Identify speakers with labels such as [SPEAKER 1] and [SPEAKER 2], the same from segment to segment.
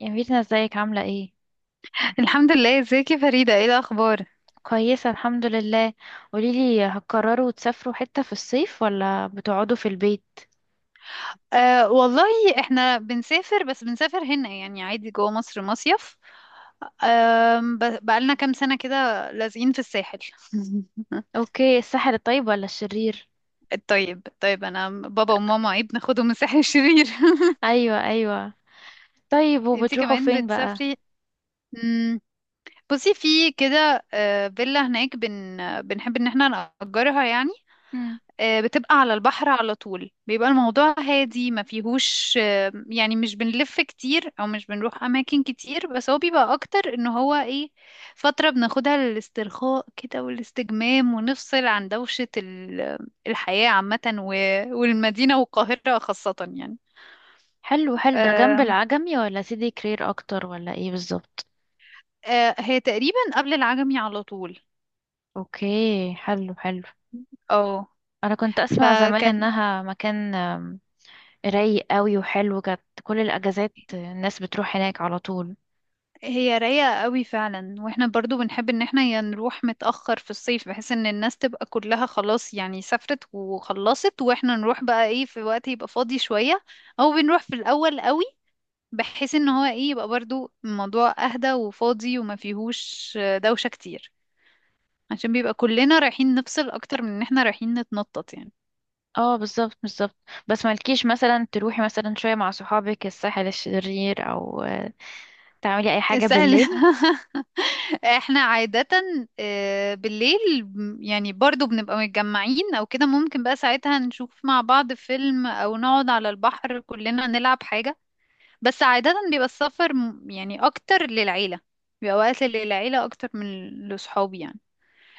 [SPEAKER 1] يا ميرنا ازيك عاملة ايه؟
[SPEAKER 2] الحمد لله، ازيك يا فريدة؟ ايه الأخبار؟
[SPEAKER 1] كويسة الحمد لله. قوليلي هتقرروا تسافروا حتة في الصيف ولا بتقعدوا في البيت؟
[SPEAKER 2] آه والله احنا بنسافر، بس بنسافر هنا يعني عادي جوه مصر مصيف. آه، بقالنا كام سنة كده لازقين في الساحل.
[SPEAKER 1] اوكي، الساحل الطيب ولا الشرير؟
[SPEAKER 2] طيب طيب، انا بابا وماما ايه بناخدهم من الساحل الشرير.
[SPEAKER 1] ايوه ايوه. طيب
[SPEAKER 2] انتي
[SPEAKER 1] وبتروحوا
[SPEAKER 2] كمان
[SPEAKER 1] فين بقى؟
[SPEAKER 2] بتسافري؟ مم، بصي في كده. فيلا هناك بنحب ان احنا نأجرها يعني.
[SPEAKER 1] مم.
[SPEAKER 2] بتبقى على البحر على طول، بيبقى الموضوع هادي ما فيهوش. يعني مش بنلف كتير او مش بنروح اماكن كتير، بس هو بيبقى اكتر ان هو ايه، فترة بناخدها للاسترخاء كده والاستجمام، ونفصل عن دوشة الحياة عامة والمدينة والقاهرة خاصة يعني.
[SPEAKER 1] حلو حلو، ده جنب
[SPEAKER 2] آه،
[SPEAKER 1] العجمي ولا سيدي كرير اكتر ولا ايه بالظبط؟
[SPEAKER 2] هي تقريبا قبل العجمي على طول.
[SPEAKER 1] اوكي حلو حلو.
[SPEAKER 2] اه
[SPEAKER 1] انا كنت اسمع زمان
[SPEAKER 2] فكان،
[SPEAKER 1] انها مكان رايق قوي وحلو، كانت كل الاجازات الناس بتروح هناك على طول.
[SPEAKER 2] هي رايقة قوي فعلا، واحنا برضو بنحب ان احنا يا نروح متأخر في الصيف بحيث ان الناس تبقى كلها خلاص يعني سافرت وخلصت، واحنا نروح بقى ايه في وقت يبقى فاضي شوية، او بنروح في الاول قوي بحيث ان هو ايه يبقى برضو الموضوع اهدى وفاضي وما فيهوش دوشة كتير، عشان بيبقى كلنا رايحين نفصل اكتر من ان احنا رايحين نتنطط يعني.
[SPEAKER 1] اه بالظبط بالظبط. بس مالكيش مثلا تروحي مثلا شوية مع صحابك الساحل الشرير او تعملي اي حاجة
[SPEAKER 2] اسأل.
[SPEAKER 1] بالليل؟
[SPEAKER 2] احنا عادة بالليل يعني برضو بنبقى متجمعين او كده، ممكن بقى ساعتها نشوف مع بعض فيلم او نقعد على البحر كلنا نلعب حاجة. بس عادة بيبقى السفر يعني اكتر للعيلة، بيبقى وقت للعيلة اكتر من لصحابي يعني.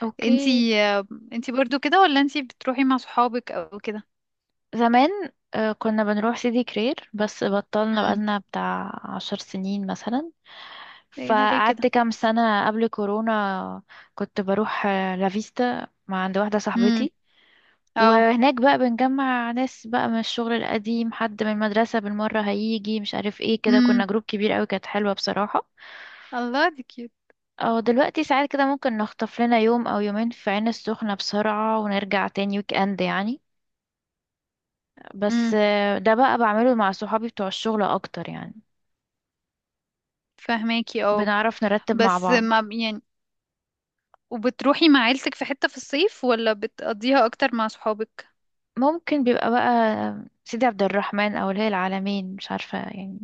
[SPEAKER 1] اوكي.
[SPEAKER 2] انتي انتي برضو كده ولا انتي بتروحي مع صحابك او كده؟
[SPEAKER 1] زمان كنا بنروح سيدي كرير بس بطلنا
[SPEAKER 2] امم.
[SPEAKER 1] بقالنا بتاع 10 سنين مثلا.
[SPEAKER 2] ايه ده ليه كده؟
[SPEAKER 1] فقعدت كام سنة قبل كورونا. كنت بروح لافيستا مع عند واحدة
[SPEAKER 2] امم.
[SPEAKER 1] صاحبتي.
[SPEAKER 2] اه.
[SPEAKER 1] وهناك بقى بنجمع ناس بقى من الشغل القديم، حد من المدرسة بالمرة هيجي مش عارف ايه، كده كنا
[SPEAKER 2] امم.
[SPEAKER 1] جروب كبير قوي، كانت حلوة بصراحة.
[SPEAKER 2] الله، دي كيوت.
[SPEAKER 1] او دلوقتي ساعات كده ممكن نخطف لنا يوم او يومين في عين السخنة بسرعة ونرجع تاني ويك اند يعني. بس
[SPEAKER 2] امم.
[SPEAKER 1] ده بقى بعمله مع صحابي بتوع الشغل اكتر يعني.
[SPEAKER 2] فهماكي. اه
[SPEAKER 1] بنعرف نرتب مع
[SPEAKER 2] بس
[SPEAKER 1] بعض.
[SPEAKER 2] ما يعني، وبتروحي مع عيلتك في حتة في الصيف ولا بتقضيها اكتر مع صحابك؟
[SPEAKER 1] ممكن بيبقى بقى سيدي عبد الرحمن او الهي العالمين، مش عارفة يعني،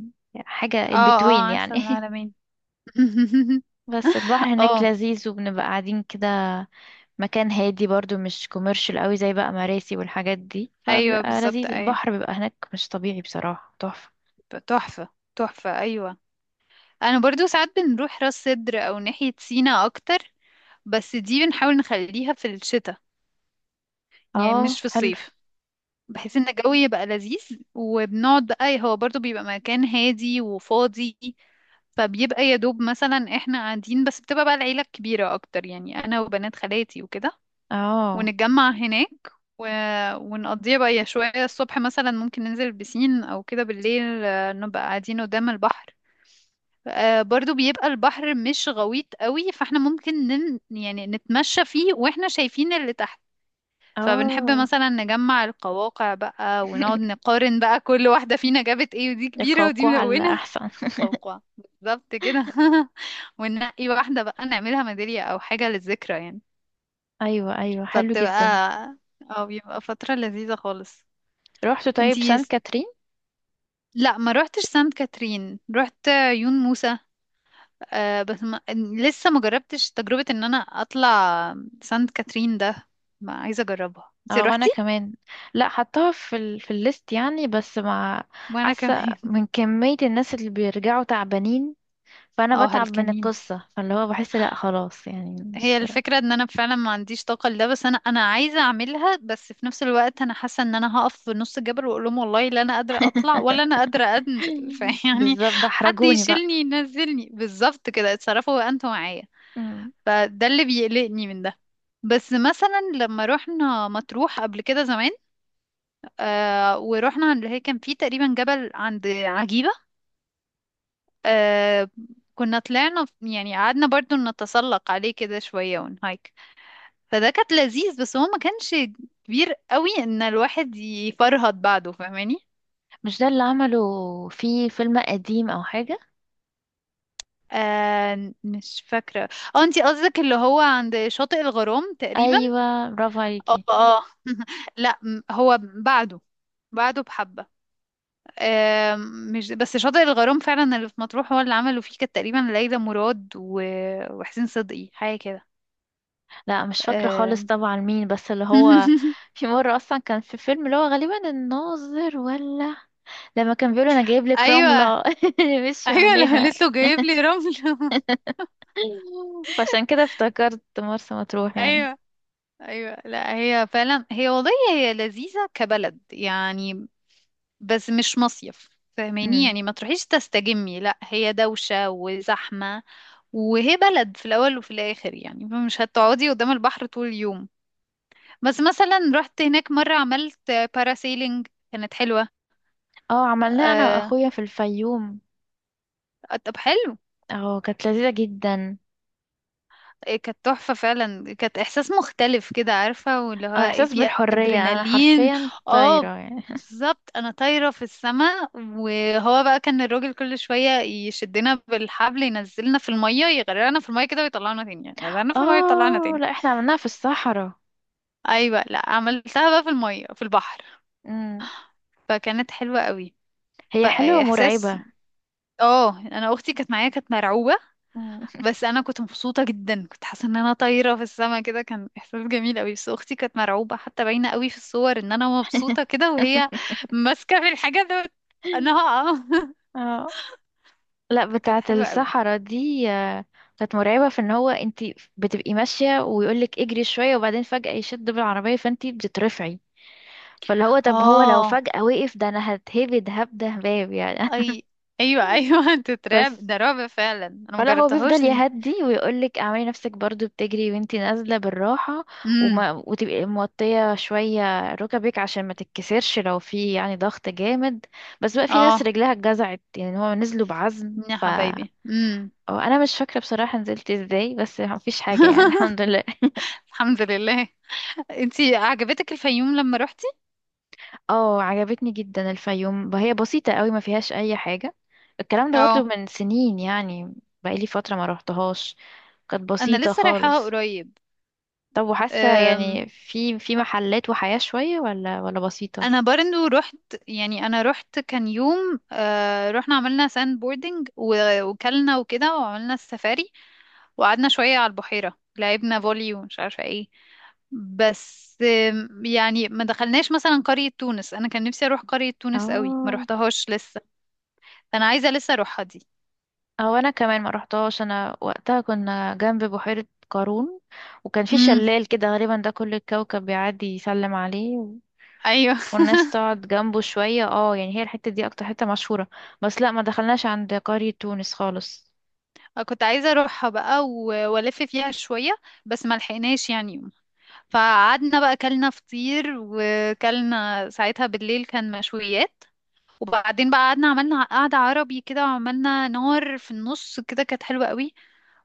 [SPEAKER 1] حاجة
[SPEAKER 2] اه
[SPEAKER 1] in
[SPEAKER 2] اه،
[SPEAKER 1] between
[SPEAKER 2] عارفة
[SPEAKER 1] يعني
[SPEAKER 2] العلمين.
[SPEAKER 1] بس البحر هناك
[SPEAKER 2] اه،
[SPEAKER 1] لذيذ وبنبقى قاعدين كده. مكان هادي برضو مش كوميرشال قوي زي بقى مراسي والحاجات دي،
[SPEAKER 2] ايوه
[SPEAKER 1] فبيبقى
[SPEAKER 2] بالظبط
[SPEAKER 1] لذيذ،
[SPEAKER 2] ايوه.
[SPEAKER 1] البحر بيبقى هناك مش طبيعي بصراحة، تحفة.
[SPEAKER 2] تحفة. تحفة، ايوه. انا برضو ساعات بنروح راس سدر او ناحية سينا اكتر، بس دي بنحاول نخليها في الشتاء، يعني مش
[SPEAKER 1] اه
[SPEAKER 2] في
[SPEAKER 1] حلو.
[SPEAKER 2] الصيف، بحيث ان الجو يبقى لذيذ. وبنقعد بقى، هو برضو بيبقى مكان هادي وفاضي، فبيبقى يا دوب مثلا احنا قاعدين، بس بتبقى بقى العيلة الكبيرة اكتر يعني، انا وبنات خالاتي وكده،
[SPEAKER 1] اه
[SPEAKER 2] ونتجمع هناك. و... ونقضيها بقى يا شوية الصبح مثلا ممكن ننزل البسين أو كده، بالليل نبقى قاعدين قدام البحر. برضو بيبقى البحر مش غويط قوي، فاحنا ممكن يعني نتمشى فيه واحنا شايفين اللي تحت. فبنحب
[SPEAKER 1] اه
[SPEAKER 2] مثلا نجمع القواقع بقى ونقعد نقارن بقى كل واحدة فينا جابت ايه، ودي كبيرة ودي
[SPEAKER 1] القوقعة على
[SPEAKER 2] ملونة.
[SPEAKER 1] احسن.
[SPEAKER 2] قوقعة بالظبط كده. وننقي واحدة بقى نعملها ميدالية أو حاجة للذكرى يعني.
[SPEAKER 1] ايوه ايوه، حلو جدا.
[SPEAKER 2] فبتبقى، اه بيبقى فترة لذيذة خالص.
[SPEAKER 1] رحت طيب
[SPEAKER 2] انتي
[SPEAKER 1] سان
[SPEAKER 2] س-
[SPEAKER 1] كاترين؟
[SPEAKER 2] لا ما روحتش سانت كاترين، روحت عيون موسى. آه بس ما... لسه ما جربتش تجربة ان انا اطلع سانت كاترين ده، ما عايزة اجربها. انتي
[SPEAKER 1] اه وانا
[SPEAKER 2] روحتي؟
[SPEAKER 1] كمان. لا، حطها في في الليست يعني، بس مع
[SPEAKER 2] وانا
[SPEAKER 1] حاسه
[SPEAKER 2] كمان.
[SPEAKER 1] من كميه الناس اللي بيرجعوا تعبانين. فانا
[SPEAKER 2] اه
[SPEAKER 1] بتعب من
[SPEAKER 2] هلكانين.
[SPEAKER 1] القصه، فاللي هو بحس لا خلاص يعني
[SPEAKER 2] هي
[SPEAKER 1] مش
[SPEAKER 2] الفكرة ان انا فعلا ما عنديش طاقة لده، بس انا عايزة اعملها، بس في نفس الوقت انا حاسة ان انا هقف في نص الجبل واقول لهم والله لا انا قادرة اطلع ولا انا قادرة انزل. فيعني
[SPEAKER 1] بالظبط، ده
[SPEAKER 2] حد
[SPEAKER 1] احرجوني بقى.
[SPEAKER 2] يشيلني ينزلني بالظبط كده، اتصرفوا انتوا معايا.
[SPEAKER 1] مم.
[SPEAKER 2] فده اللي بيقلقني من ده. بس مثلا لما رحنا مطروح قبل كده زمان، آه ورحنا اللي هي كان فيه تقريبا جبل عند عجيبة. آه، كنا طلعنا يعني قعدنا برضو نتسلق عليه كده شوية ونهايك، فده كانت لذيذ، بس هو ما كانش كبير قوي ان الواحد يفرهد بعده. فاهماني؟
[SPEAKER 1] مش ده اللي عمله في فيلم قديم او حاجه؟
[SPEAKER 2] آه مش فاكرة. اه انتي قصدك اللي هو عند شاطئ الغرام تقريبا.
[SPEAKER 1] ايوه برافو
[SPEAKER 2] اه
[SPEAKER 1] عليكي.
[SPEAKER 2] اه. لا هو بعده، بعده بحبة. آه، مش بس شاطئ الغرام فعلا اللي في مطروح هو اللي عملوا فيه، كانت تقريبا ليلى مراد وحسين صدقي حاجة كده.
[SPEAKER 1] لا مش فاكرة خالص
[SPEAKER 2] آه.
[SPEAKER 1] طبعا، مين بس اللي هو؟ في مرة أصلا كان في فيلم اللي هو غالبا الناظر، ولا لما كان بيقول أنا جايب لك
[SPEAKER 2] ايوه
[SPEAKER 1] رملة اللي مشيوا
[SPEAKER 2] ايوه، اللي
[SPEAKER 1] عليها.
[SPEAKER 2] قالت له جايب لي رمل.
[SPEAKER 1] فعشان كده افتكرت مرسى مطروح يعني.
[SPEAKER 2] ايوه ايوه، لا هي فعلا، هي والله هي لذيذه كبلد يعني، بس مش مصيف. فاهماني
[SPEAKER 1] مم.
[SPEAKER 2] يعني؟ ما تروحيش تستجمي، لا هي دوشه وزحمه، وهي بلد في الاول وفي الاخر يعني، فمش هتقعدي قدام البحر طول اليوم. بس مثلا رحت هناك مره عملت باراسيلينج، كانت حلوه.
[SPEAKER 1] اه عملناه أنا
[SPEAKER 2] آه،
[SPEAKER 1] وأخويا في الفيوم.
[SPEAKER 2] طب حلو.
[SPEAKER 1] اه كانت لذيذة جدا.
[SPEAKER 2] إيه كانت تحفة فعلا، كانت إحساس مختلف كده عارفة، واللي هو
[SPEAKER 1] اه
[SPEAKER 2] ايه
[SPEAKER 1] إحساس
[SPEAKER 2] في
[SPEAKER 1] بالحرية، أنا
[SPEAKER 2] أدرينالين.
[SPEAKER 1] حرفيا طايرة
[SPEAKER 2] اه
[SPEAKER 1] يعني.
[SPEAKER 2] بالظبط، أنا طايرة في السماء، وهو بقى كان الراجل كل شوية يشدنا بالحبل، ينزلنا في المية يغرقنا في المية كده ويطلعنا تاني، يغرقنا في المية ويطلعنا
[SPEAKER 1] اه
[SPEAKER 2] تاني.
[SPEAKER 1] لا احنا عملناها في الصحراء.
[SPEAKER 2] أيوة، لا عملتها بقى في المية في البحر،
[SPEAKER 1] مم.
[SPEAKER 2] فكانت حلوة قوي.
[SPEAKER 1] هي حلوة
[SPEAKER 2] فإحساس،
[SPEAKER 1] ومرعبة.
[SPEAKER 2] اه أنا أختي كانت معايا كانت مرعوبة.
[SPEAKER 1] مم.
[SPEAKER 2] بس انا كنت مبسوطه جدا، كنت حاسه ان انا طايره في السما كده، كان احساس جميل قوي، بس اختي كانت مرعوبه، حتى باينه قوي في الصور ان انا مبسوطه كده وهي ماسكه في الحاجه ده انا هقع.
[SPEAKER 1] اه. لا
[SPEAKER 2] فكانت
[SPEAKER 1] بتاعة
[SPEAKER 2] حلوه قوي.
[SPEAKER 1] الصحراء دي كانت مرعبة في ان هو انت بتبقي ماشية ويقولك اجري شوية وبعدين فجأة يشد بالعربية فانت بتترفعي. فاللي هو طب هو لو
[SPEAKER 2] اه
[SPEAKER 1] فجأة وقف ده انا هتهبد هبدة هباب يعني
[SPEAKER 2] اي، ايوه ايوه. تترعب،
[SPEAKER 1] بس
[SPEAKER 2] ده رعب فعلا، انا
[SPEAKER 1] فلا، هو بيفضل
[SPEAKER 2] مجربتهاش دي.
[SPEAKER 1] يهدي ويقولك اعملي نفسك برضو بتجري وانتي نازلة بالراحة.
[SPEAKER 2] امم.
[SPEAKER 1] وما وتبقي موطية شوية ركبك عشان ما تتكسرش لو في يعني ضغط جامد. بس بقى في ناس
[SPEAKER 2] اه
[SPEAKER 1] رجلها اتجزعت، يعني هو نزلوا بعزم.
[SPEAKER 2] يا حبايبي. امم.
[SPEAKER 1] اه انا مش فاكره بصراحه نزلت ازاي، بس مفيش حاجه يعني الحمد لله.
[SPEAKER 2] الحمد لله. انتي عجبتك الفيوم لما روحتي؟
[SPEAKER 1] اه عجبتني جدا الفيوم، هي بسيطه قوي ما فيهاش اي حاجه. الكلام ده برضو
[SPEAKER 2] اه،
[SPEAKER 1] من سنين يعني. بقالي فتره ما روحتهاش. كانت
[SPEAKER 2] انا
[SPEAKER 1] بسيطه
[SPEAKER 2] لسه رايحاها
[SPEAKER 1] خالص.
[SPEAKER 2] قريب.
[SPEAKER 1] طب وحاسه يعني في محلات وحياه شويه ولا بسيطه؟
[SPEAKER 2] انا برضو رحت، يعني انا رحت كان يوم آه رحنا عملنا ساند بوردنج وكلنا وكده وعملنا السفاري، وقعدنا شوية على البحيرة لعبنا فولي ومش عارفة ايه. بس يعني ما دخلناش مثلا قرية تونس، انا كان نفسي اروح قرية تونس قوي، ما
[SPEAKER 1] اه.
[SPEAKER 2] روحتهاش لسه، انا عايزة لسه اروحها دي.
[SPEAKER 1] او انا كمان ما روحتهاش. انا وقتها كنا جنب بحيره قارون، وكان في
[SPEAKER 2] امم.
[SPEAKER 1] شلال كده غالبا ده كل الكوكب بيعدي يسلم عليه،
[SPEAKER 2] ايوه.
[SPEAKER 1] والناس تقعد جنبه شوية اه يعني هي الحتة دي اكتر حتة مشهورة. بس لا ما دخلناش عند قرية تونس خالص.
[SPEAKER 2] كنت عايزة اروحها بقى والف فيها شوية، بس ما لحقناش يعني. فقعدنا بقى كلنا فطير، وكلنا ساعتها بالليل كان مشويات، وبعدين بقى قعدنا عملنا قعدة عربي كده، وعملنا نار في النص كده، كانت حلوة قوي.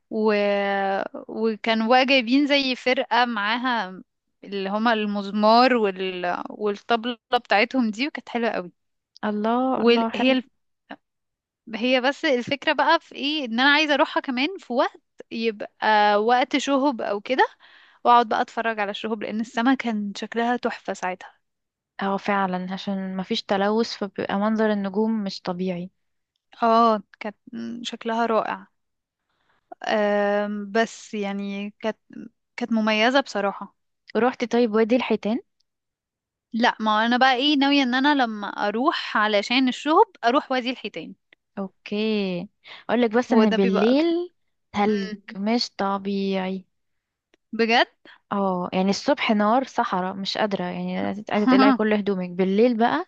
[SPEAKER 2] و... وكانوا بقى جايبين زي فرقة معاها، اللي هما المزمار والطبلة بتاعتهم دي، وكانت حلوة قوي.
[SPEAKER 1] الله الله
[SPEAKER 2] وهي
[SPEAKER 1] حلو.
[SPEAKER 2] ال... هي بس الفكرة بقى في ايه، ان انا عايزة اروحها كمان في وقت يبقى وقت شهب او كده، واقعد بقى اتفرج على الشهب، لان السما كان شكلها تحفة ساعتها.
[SPEAKER 1] اه فعلا عشان ما فيش تلوث فبيبقى منظر النجوم مش طبيعي.
[SPEAKER 2] اه كانت شكلها رائع. بس يعني كانت، كانت مميزة بصراحة.
[SPEAKER 1] روحت طيب وادي الحيتان؟
[SPEAKER 2] لا ما انا بقى ايه ناوية ان انا لما اروح علشان الشهب اروح وادي الحيتان.
[SPEAKER 1] اوكي. اقولك بس
[SPEAKER 2] هو
[SPEAKER 1] ان
[SPEAKER 2] ده بيبقى اكتر.
[SPEAKER 1] بالليل ثلج
[SPEAKER 2] مم.
[SPEAKER 1] مش طبيعي.
[SPEAKER 2] بجد.
[SPEAKER 1] اه يعني الصبح نار صحراء مش قادرة، يعني قاعدة تقلعي كل هدومك بالليل بقى.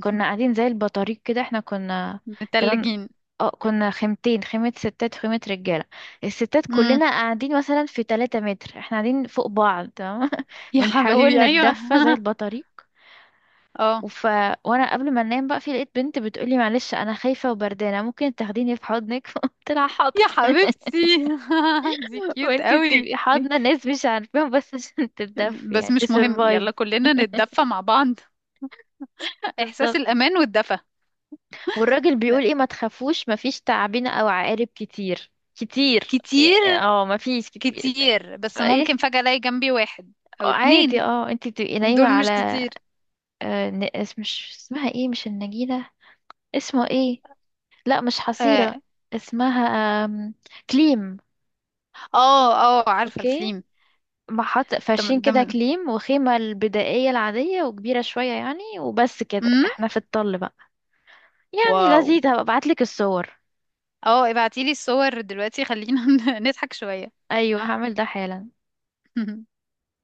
[SPEAKER 1] كنا قاعدين زي البطاريق كده، احنا كنا كان
[SPEAKER 2] متلجين.
[SPEAKER 1] اه كنا خيمتين، خيمة ستات وخيمة رجالة. الستات
[SPEAKER 2] مم.
[SPEAKER 1] كلنا قاعدين مثلا في 3 متر احنا قاعدين فوق بعض تمام
[SPEAKER 2] يا
[SPEAKER 1] بنحاول
[SPEAKER 2] حبايبي ايوه.
[SPEAKER 1] نتدفى زي البطاريق.
[SPEAKER 2] اه.
[SPEAKER 1] وف... وانا قبل ما انام بقى في لقيت بنت بتقولي معلش انا خايفة وبردانة، ممكن تاخديني في حضنك؟ قلت لها حاضر.
[SPEAKER 2] يا حبيبتي. دي كيوت
[SPEAKER 1] وانتي
[SPEAKER 2] قوي.
[SPEAKER 1] بتبقي حاضنة ناس مش عارفاهم بس عشان تتدفي،
[SPEAKER 2] بس
[SPEAKER 1] يعني
[SPEAKER 2] مش مهم،
[SPEAKER 1] تسرفايف.
[SPEAKER 2] يلا كلنا نتدفى مع بعض. احساس
[SPEAKER 1] بالظبط.
[SPEAKER 2] الامان والدفى.
[SPEAKER 1] والراجل بيقول
[SPEAKER 2] لا،
[SPEAKER 1] ايه ما تخافوش مفيش تعابين او عقارب كتير كتير.
[SPEAKER 2] كتير.
[SPEAKER 1] اه مفيش كتير.
[SPEAKER 2] كتير، بس ممكن
[SPEAKER 1] ايه.
[SPEAKER 2] فجأة الاقي جنبي واحد او
[SPEAKER 1] عادي
[SPEAKER 2] اتنين،
[SPEAKER 1] اه انتي تبقي نايمة
[SPEAKER 2] دول مش
[SPEAKER 1] على
[SPEAKER 2] كتير.
[SPEAKER 1] مش اسمها ايه، مش النجيلة، اسمه ايه، لا مش
[SPEAKER 2] اه
[SPEAKER 1] حصيرة، اسمها آم، كليم.
[SPEAKER 2] اه. عارفة
[SPEAKER 1] اوكي.
[SPEAKER 2] الكليم.
[SPEAKER 1] محط
[SPEAKER 2] ده
[SPEAKER 1] فرشين
[SPEAKER 2] ده
[SPEAKER 1] كده كليم وخيمة البدائية العادية وكبيرة شوية يعني، وبس كده
[SPEAKER 2] امم.
[SPEAKER 1] احنا في الطل بقى. يعني
[SPEAKER 2] واو.
[SPEAKER 1] لذيذ، هبقى ابعتلك الصور.
[SPEAKER 2] اه ابعتيلي الصور دلوقتي خلينا نضحك شوية.
[SPEAKER 1] ايوه هعمل ده حالا.